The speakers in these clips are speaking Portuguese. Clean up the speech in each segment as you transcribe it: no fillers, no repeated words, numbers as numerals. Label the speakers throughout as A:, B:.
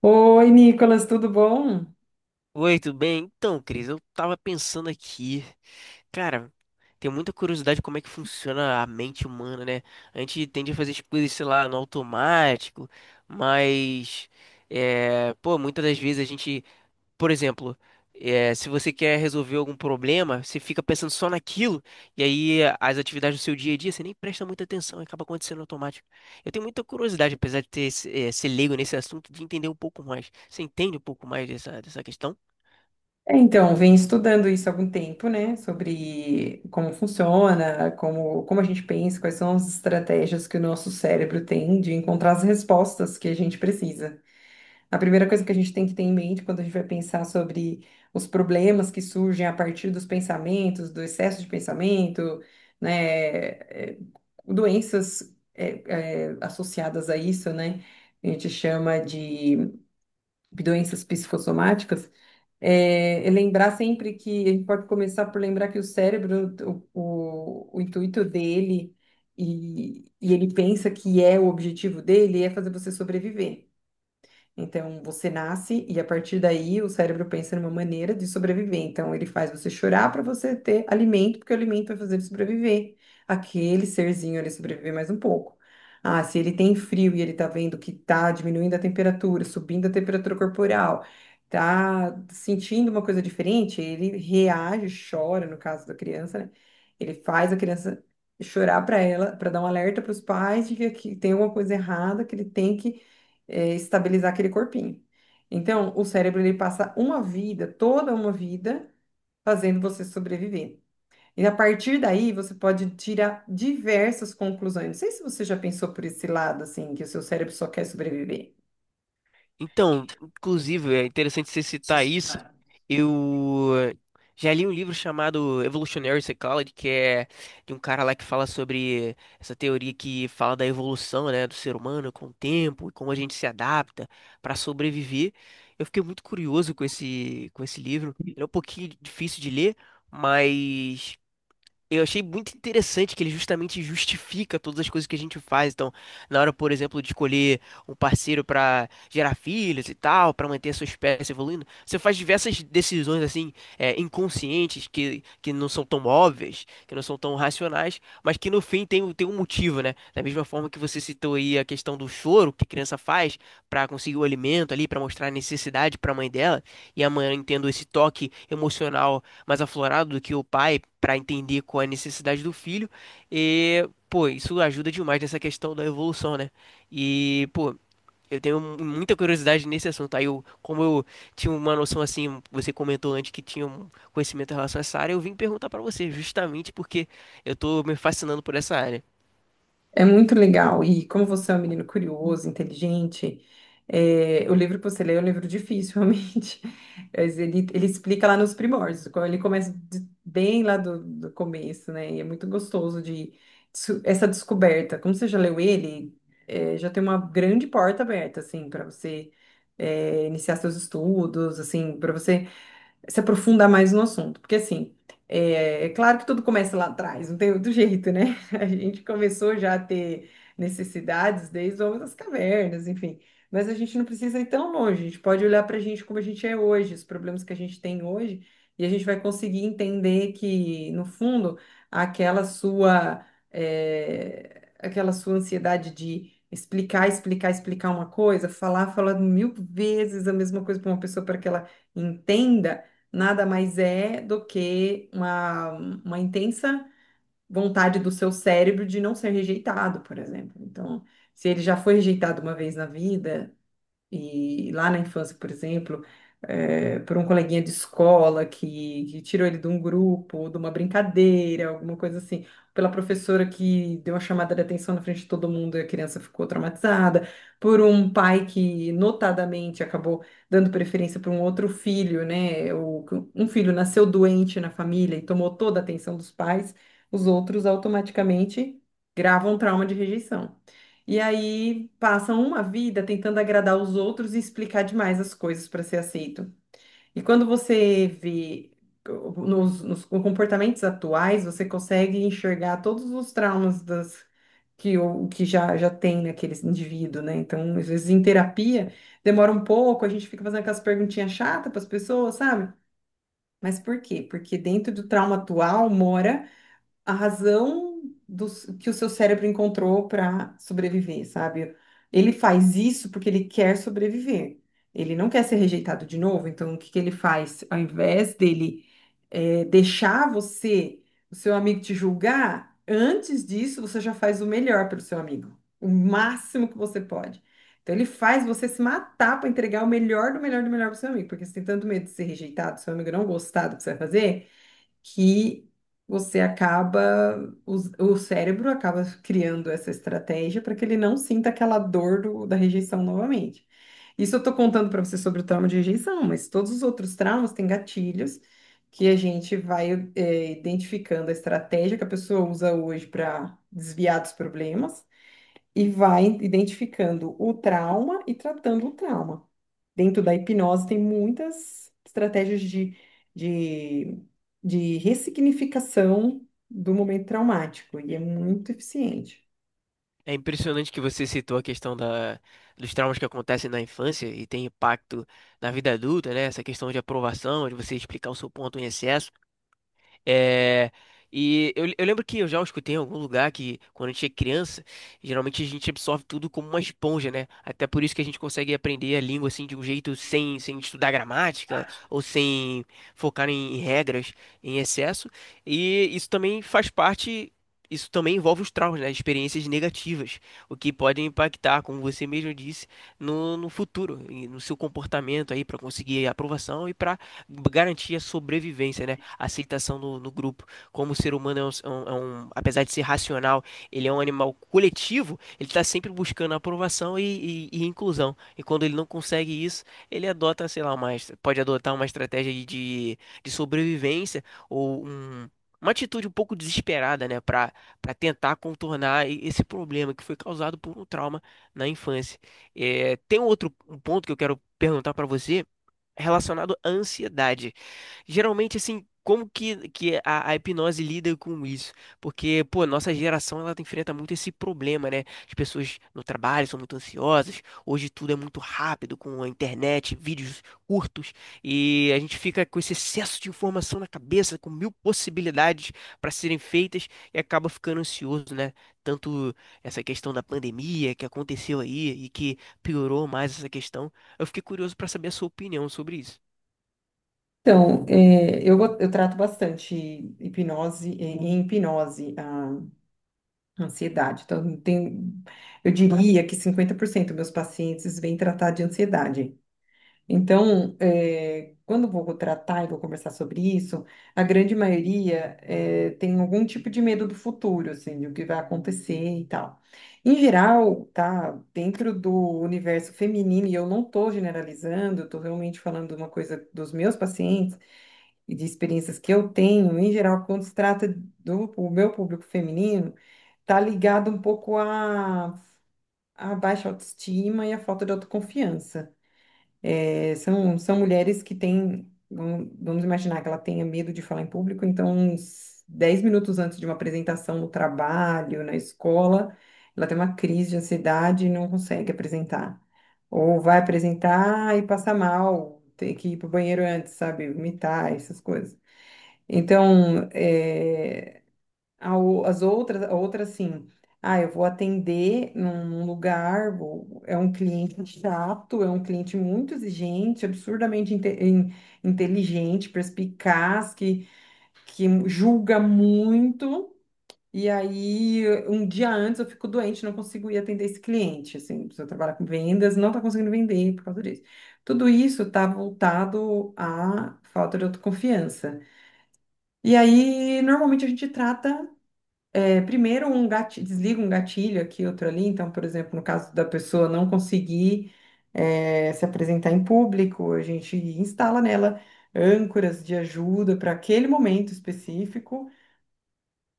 A: Oi, Nicolas, tudo bom?
B: Oi, tudo bem? Então, Cris, eu tava pensando aqui, cara, tenho muita curiosidade como é que funciona a mente humana, né? A gente tende a fazer as coisas, sei lá, no automático, mas, pô, muitas das vezes a gente, por exemplo, se você quer resolver algum problema, você fica pensando só naquilo, e aí as atividades do seu dia a dia, você nem presta muita atenção, e acaba acontecendo automático. Eu tenho muita curiosidade, apesar de ter, ser leigo nesse assunto, de entender um pouco mais. Você entende um pouco mais dessa questão?
A: Então, vem estudando isso há algum tempo, né? Sobre como funciona, como a gente pensa, quais são as estratégias que o nosso cérebro tem de encontrar as respostas que a gente precisa. A primeira coisa que a gente tem que ter em mente quando a gente vai pensar sobre os problemas que surgem a partir dos pensamentos, do excesso de pensamento, né? Doenças, associadas a isso, né? A gente chama de doenças psicossomáticas. É lembrar sempre que a gente pode começar por lembrar que o cérebro, o, o intuito dele e ele pensa que é o objetivo dele é fazer você sobreviver. Então, você nasce e a partir daí o cérebro pensa numa maneira de sobreviver. Então, ele faz você chorar para você ter alimento, porque o alimento vai fazer ele sobreviver. Aquele serzinho ele sobreviver mais um pouco. Ah, se ele tem frio e ele tá vendo que tá diminuindo a temperatura, subindo a temperatura corporal, tá sentindo uma coisa diferente, ele reage, chora, no caso da criança, né? Ele faz a criança chorar para ela, para dar um alerta para os pais de que aqui tem alguma coisa errada, que ele tem que estabilizar aquele corpinho. Então, o cérebro ele passa uma vida, toda uma vida, fazendo você sobreviver. E a partir daí, você pode tirar diversas conclusões. Não sei se você já pensou por esse lado, assim, que o seu cérebro só quer sobreviver.
B: Então, inclusive, é interessante você citar isso. Eu já li um livro chamado Evolutionary Psychology, que é de um cara lá que fala sobre essa teoria que fala da evolução, né, do ser humano com o tempo e como a gente se adapta para sobreviver. Eu fiquei muito curioso com com esse livro. Ele é um pouquinho difícil de ler, mas eu achei muito interessante que ele justamente justifica todas as coisas que a gente faz. Então, na hora, por exemplo, de escolher um parceiro para gerar filhos e tal, para manter a sua espécie evoluindo, você faz diversas decisões assim, inconscientes que não são tão óbvias, que não são tão racionais, mas que no fim tem, tem um motivo, né? Da mesma forma que você citou aí a questão do choro que a criança faz para conseguir o alimento ali, para mostrar a necessidade para a mãe dela, e a mãe tendo esse toque emocional mais aflorado do que o pai para entender qual é a necessidade do filho. E, pô, isso ajuda demais nessa questão da evolução, né? E, pô, eu tenho muita curiosidade nesse assunto. Aí, eu, como eu tinha uma noção assim, você comentou antes que tinha um conhecimento em relação a essa área, eu vim perguntar para você, justamente porque eu tô me fascinando por essa área.
A: É muito legal. E como você é um menino curioso, inteligente, o livro que você lê é um livro difícil, realmente. Mas ele explica lá nos primórdios, quando ele começa bem lá do começo, né? E é muito gostoso de essa descoberta. Como você já leu ele, já tem uma grande porta aberta, assim, para você iniciar seus estudos, assim, para você se aprofundar mais no assunto. Porque, assim, é claro que tudo começa lá atrás, não tem outro jeito, né? A gente começou já a ter necessidades desde o homem das cavernas, enfim. Mas a gente não precisa ir tão longe, a gente pode olhar para a gente como a gente é hoje, os problemas que a gente tem hoje, e a gente vai conseguir entender que, no fundo, aquela sua, aquela sua ansiedade de explicar, explicar, explicar uma coisa, falar, falar mil vezes a mesma coisa para uma pessoa para que ela entenda, nada mais é do que uma intensa vontade do seu cérebro de não ser rejeitado, por exemplo. Então, se ele já foi rejeitado uma vez na vida, e lá na infância, por exemplo, por um coleguinha de escola que tirou ele de um grupo, de uma brincadeira, alguma coisa assim, pela professora que deu uma chamada de atenção na frente de todo mundo e a criança ficou traumatizada, por um pai que notadamente acabou dando preferência para um outro filho, né? O, um filho nasceu doente na família e tomou toda a atenção dos pais, os outros automaticamente gravam trauma de rejeição. E aí passam uma vida tentando agradar os outros e explicar demais as coisas para ser aceito. E quando você vê nos comportamentos atuais, você consegue enxergar todos os traumas das, que, o, que já tem naquele indivíduo, né? Então, às vezes em terapia demora um pouco, a gente fica fazendo aquelas perguntinhas chatas para as pessoas, sabe? Mas por quê? Porque dentro do trauma atual mora a razão do, que o seu cérebro encontrou para sobreviver, sabe? Ele faz isso porque ele quer sobreviver. Ele não quer ser rejeitado de novo, então o que que ele faz? Ao invés dele deixar você, o seu amigo te julgar, antes disso você já faz o melhor pelo seu amigo, o máximo que você pode. Então ele faz você se matar para entregar o melhor do melhor do melhor pro seu amigo, porque você tem tanto medo de ser rejeitado, seu amigo não gostar do que você vai fazer, que você acaba, cérebro acaba criando essa estratégia para que ele não sinta aquela dor da rejeição novamente. Isso eu estou contando para você sobre o trauma de rejeição, mas todos os outros traumas têm gatilhos que a gente vai, identificando a estratégia que a pessoa usa hoje para desviar dos problemas e vai identificando o trauma e tratando o trauma. Dentro da hipnose tem muitas estratégias de, de ressignificação do momento traumático e é muito eficiente.
B: É impressionante que você citou a questão dos traumas que acontecem na infância e tem impacto na vida adulta, né? Essa questão de aprovação, de você explicar o seu ponto em excesso. É, e eu lembro que eu já escutei em algum lugar que quando a gente é criança, geralmente a gente absorve tudo como uma esponja, né? Até por isso que a gente consegue aprender a língua assim de um jeito sem estudar gramática ou sem focar em regras em excesso. E isso também faz parte, isso também envolve os traumas, né? Experiências negativas, o que pode impactar, como você mesmo disse, no futuro, e no seu comportamento aí para conseguir aprovação e para garantir a sobrevivência, né? Aceitação no grupo. Como o ser humano é apesar de ser racional, ele é um animal coletivo, ele está sempre buscando aprovação e inclusão. E quando ele não consegue isso, ele adota, sei lá, pode adotar uma estratégia de, de sobrevivência ou uma atitude um pouco desesperada, né, para para tentar contornar esse problema que foi causado por um trauma na infância. É, tem um outro um ponto que eu quero perguntar para você relacionado à ansiedade. Geralmente, assim, como que a hipnose lida com isso? Porque, pô, nossa geração, ela enfrenta muito esse problema, né? As pessoas no trabalho são muito ansiosas, hoje tudo é muito rápido, com a internet, vídeos curtos, e a gente fica com esse excesso de informação na cabeça, com mil possibilidades para serem feitas, e acaba ficando ansioso, né? Tanto essa questão da pandemia que aconteceu aí e que piorou mais essa questão. Eu fiquei curioso pra saber a sua opinião sobre isso.
A: Então, eu trato bastante hipnose, em hipnose, a ansiedade. Então, tem, eu diria que 50% dos meus pacientes vêm tratar de ansiedade. Então, quando eu vou tratar e vou conversar sobre isso, a grande maioria tem algum tipo de medo do futuro, assim, do que vai acontecer e tal. Em geral, tá, dentro do universo feminino, e eu não estou generalizando, eu estou realmente falando uma coisa dos meus pacientes e de experiências que eu tenho, em geral, quando se trata do o meu público feminino, tá ligado um pouco à baixa autoestima e à falta de autoconfiança. É, são mulheres que têm, vamos imaginar que ela tenha medo de falar em público, então, uns 10 minutos antes de uma apresentação no trabalho, na escola, ela tem uma crise de ansiedade e não consegue apresentar. Ou vai apresentar e passa mal, tem que ir para o banheiro antes, sabe? Vomitar, essas coisas. Então, a outra assim, ah, eu vou atender num lugar, é um cliente chato, é um cliente muito exigente, absurdamente inteligente, perspicaz, que julga muito. E aí, um dia antes eu fico doente, não consigo ir atender esse cliente. Assim, se eu trabalhar com vendas, não está conseguindo vender por causa disso. Tudo isso está voltado à falta de autoconfiança. E aí, normalmente a gente trata primeiro, desliga um gatilho aqui, outro ali. Então, por exemplo, no caso da pessoa não conseguir se apresentar em público, a gente instala nela âncoras de ajuda para aquele momento específico.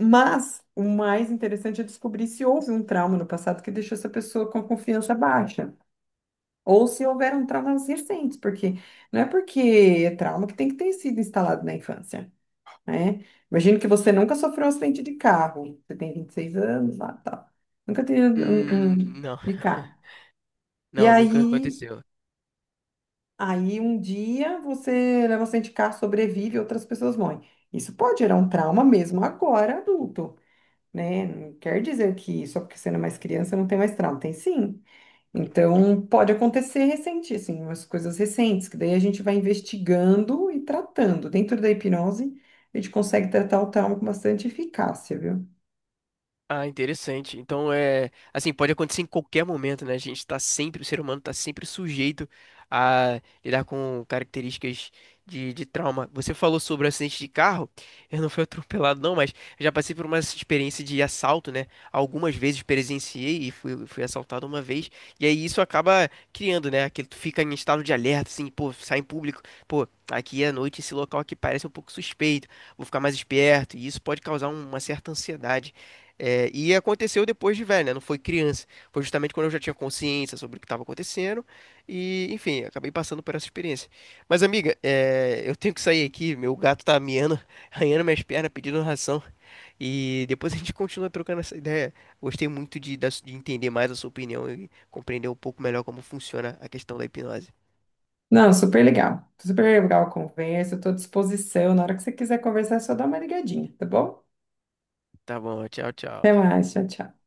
A: Mas o mais interessante é descobrir se houve um trauma no passado que deixou essa pessoa com a confiança baixa. Ou se houveram traumas recentes, porque não é porque é trauma que tem que ter sido instalado na infância, né? Imagino que você nunca sofreu um acidente de carro. Você tem 26 anos, lá, tá. Nunca teve um, um um
B: Não.
A: de carro. E
B: Não, nunca
A: aí,
B: aconteceu.
A: aí um dia você leva um acidente de carro, sobrevive, outras pessoas morrem. Isso pode gerar um trauma mesmo agora, adulto, né? Não quer dizer que só porque você não é mais criança não tem mais trauma. Tem sim. Então, pode acontecer recente, assim, umas coisas recentes, que daí a gente vai investigando e tratando. Dentro da hipnose, a gente consegue tratar o trauma com bastante eficácia, viu?
B: Ah, interessante. Então é assim, pode acontecer em qualquer momento, né? A gente tá sempre, o ser humano tá sempre sujeito a lidar com características de trauma. Você falou sobre o acidente de carro, eu não fui atropelado, não, mas eu já passei por uma experiência de assalto, né? Algumas vezes presenciei e fui assaltado uma vez. E aí isso acaba criando, né? Que tu fica em estado de alerta, assim, pô, sai em público, pô, aqui à noite esse local aqui parece um pouco suspeito, vou ficar mais esperto, e isso pode causar uma certa ansiedade. É, e aconteceu depois de velho, né? Não foi criança. Foi justamente quando eu já tinha consciência sobre o que estava acontecendo. E, enfim, acabei passando por essa experiência. Mas, amiga, eu tenho que sair aqui. Meu gato tá miando, arranhando minhas pernas, pedindo ração. E depois a gente continua trocando essa ideia. Gostei muito da de entender mais a sua opinião e compreender um pouco melhor como funciona a questão da hipnose.
A: Não, super legal. Super legal a conversa, estou à disposição. Na hora que você quiser conversar, é só dá uma ligadinha, tá bom?
B: Tá bom, tchau,
A: Até
B: tchau.
A: mais, tchau, tchau.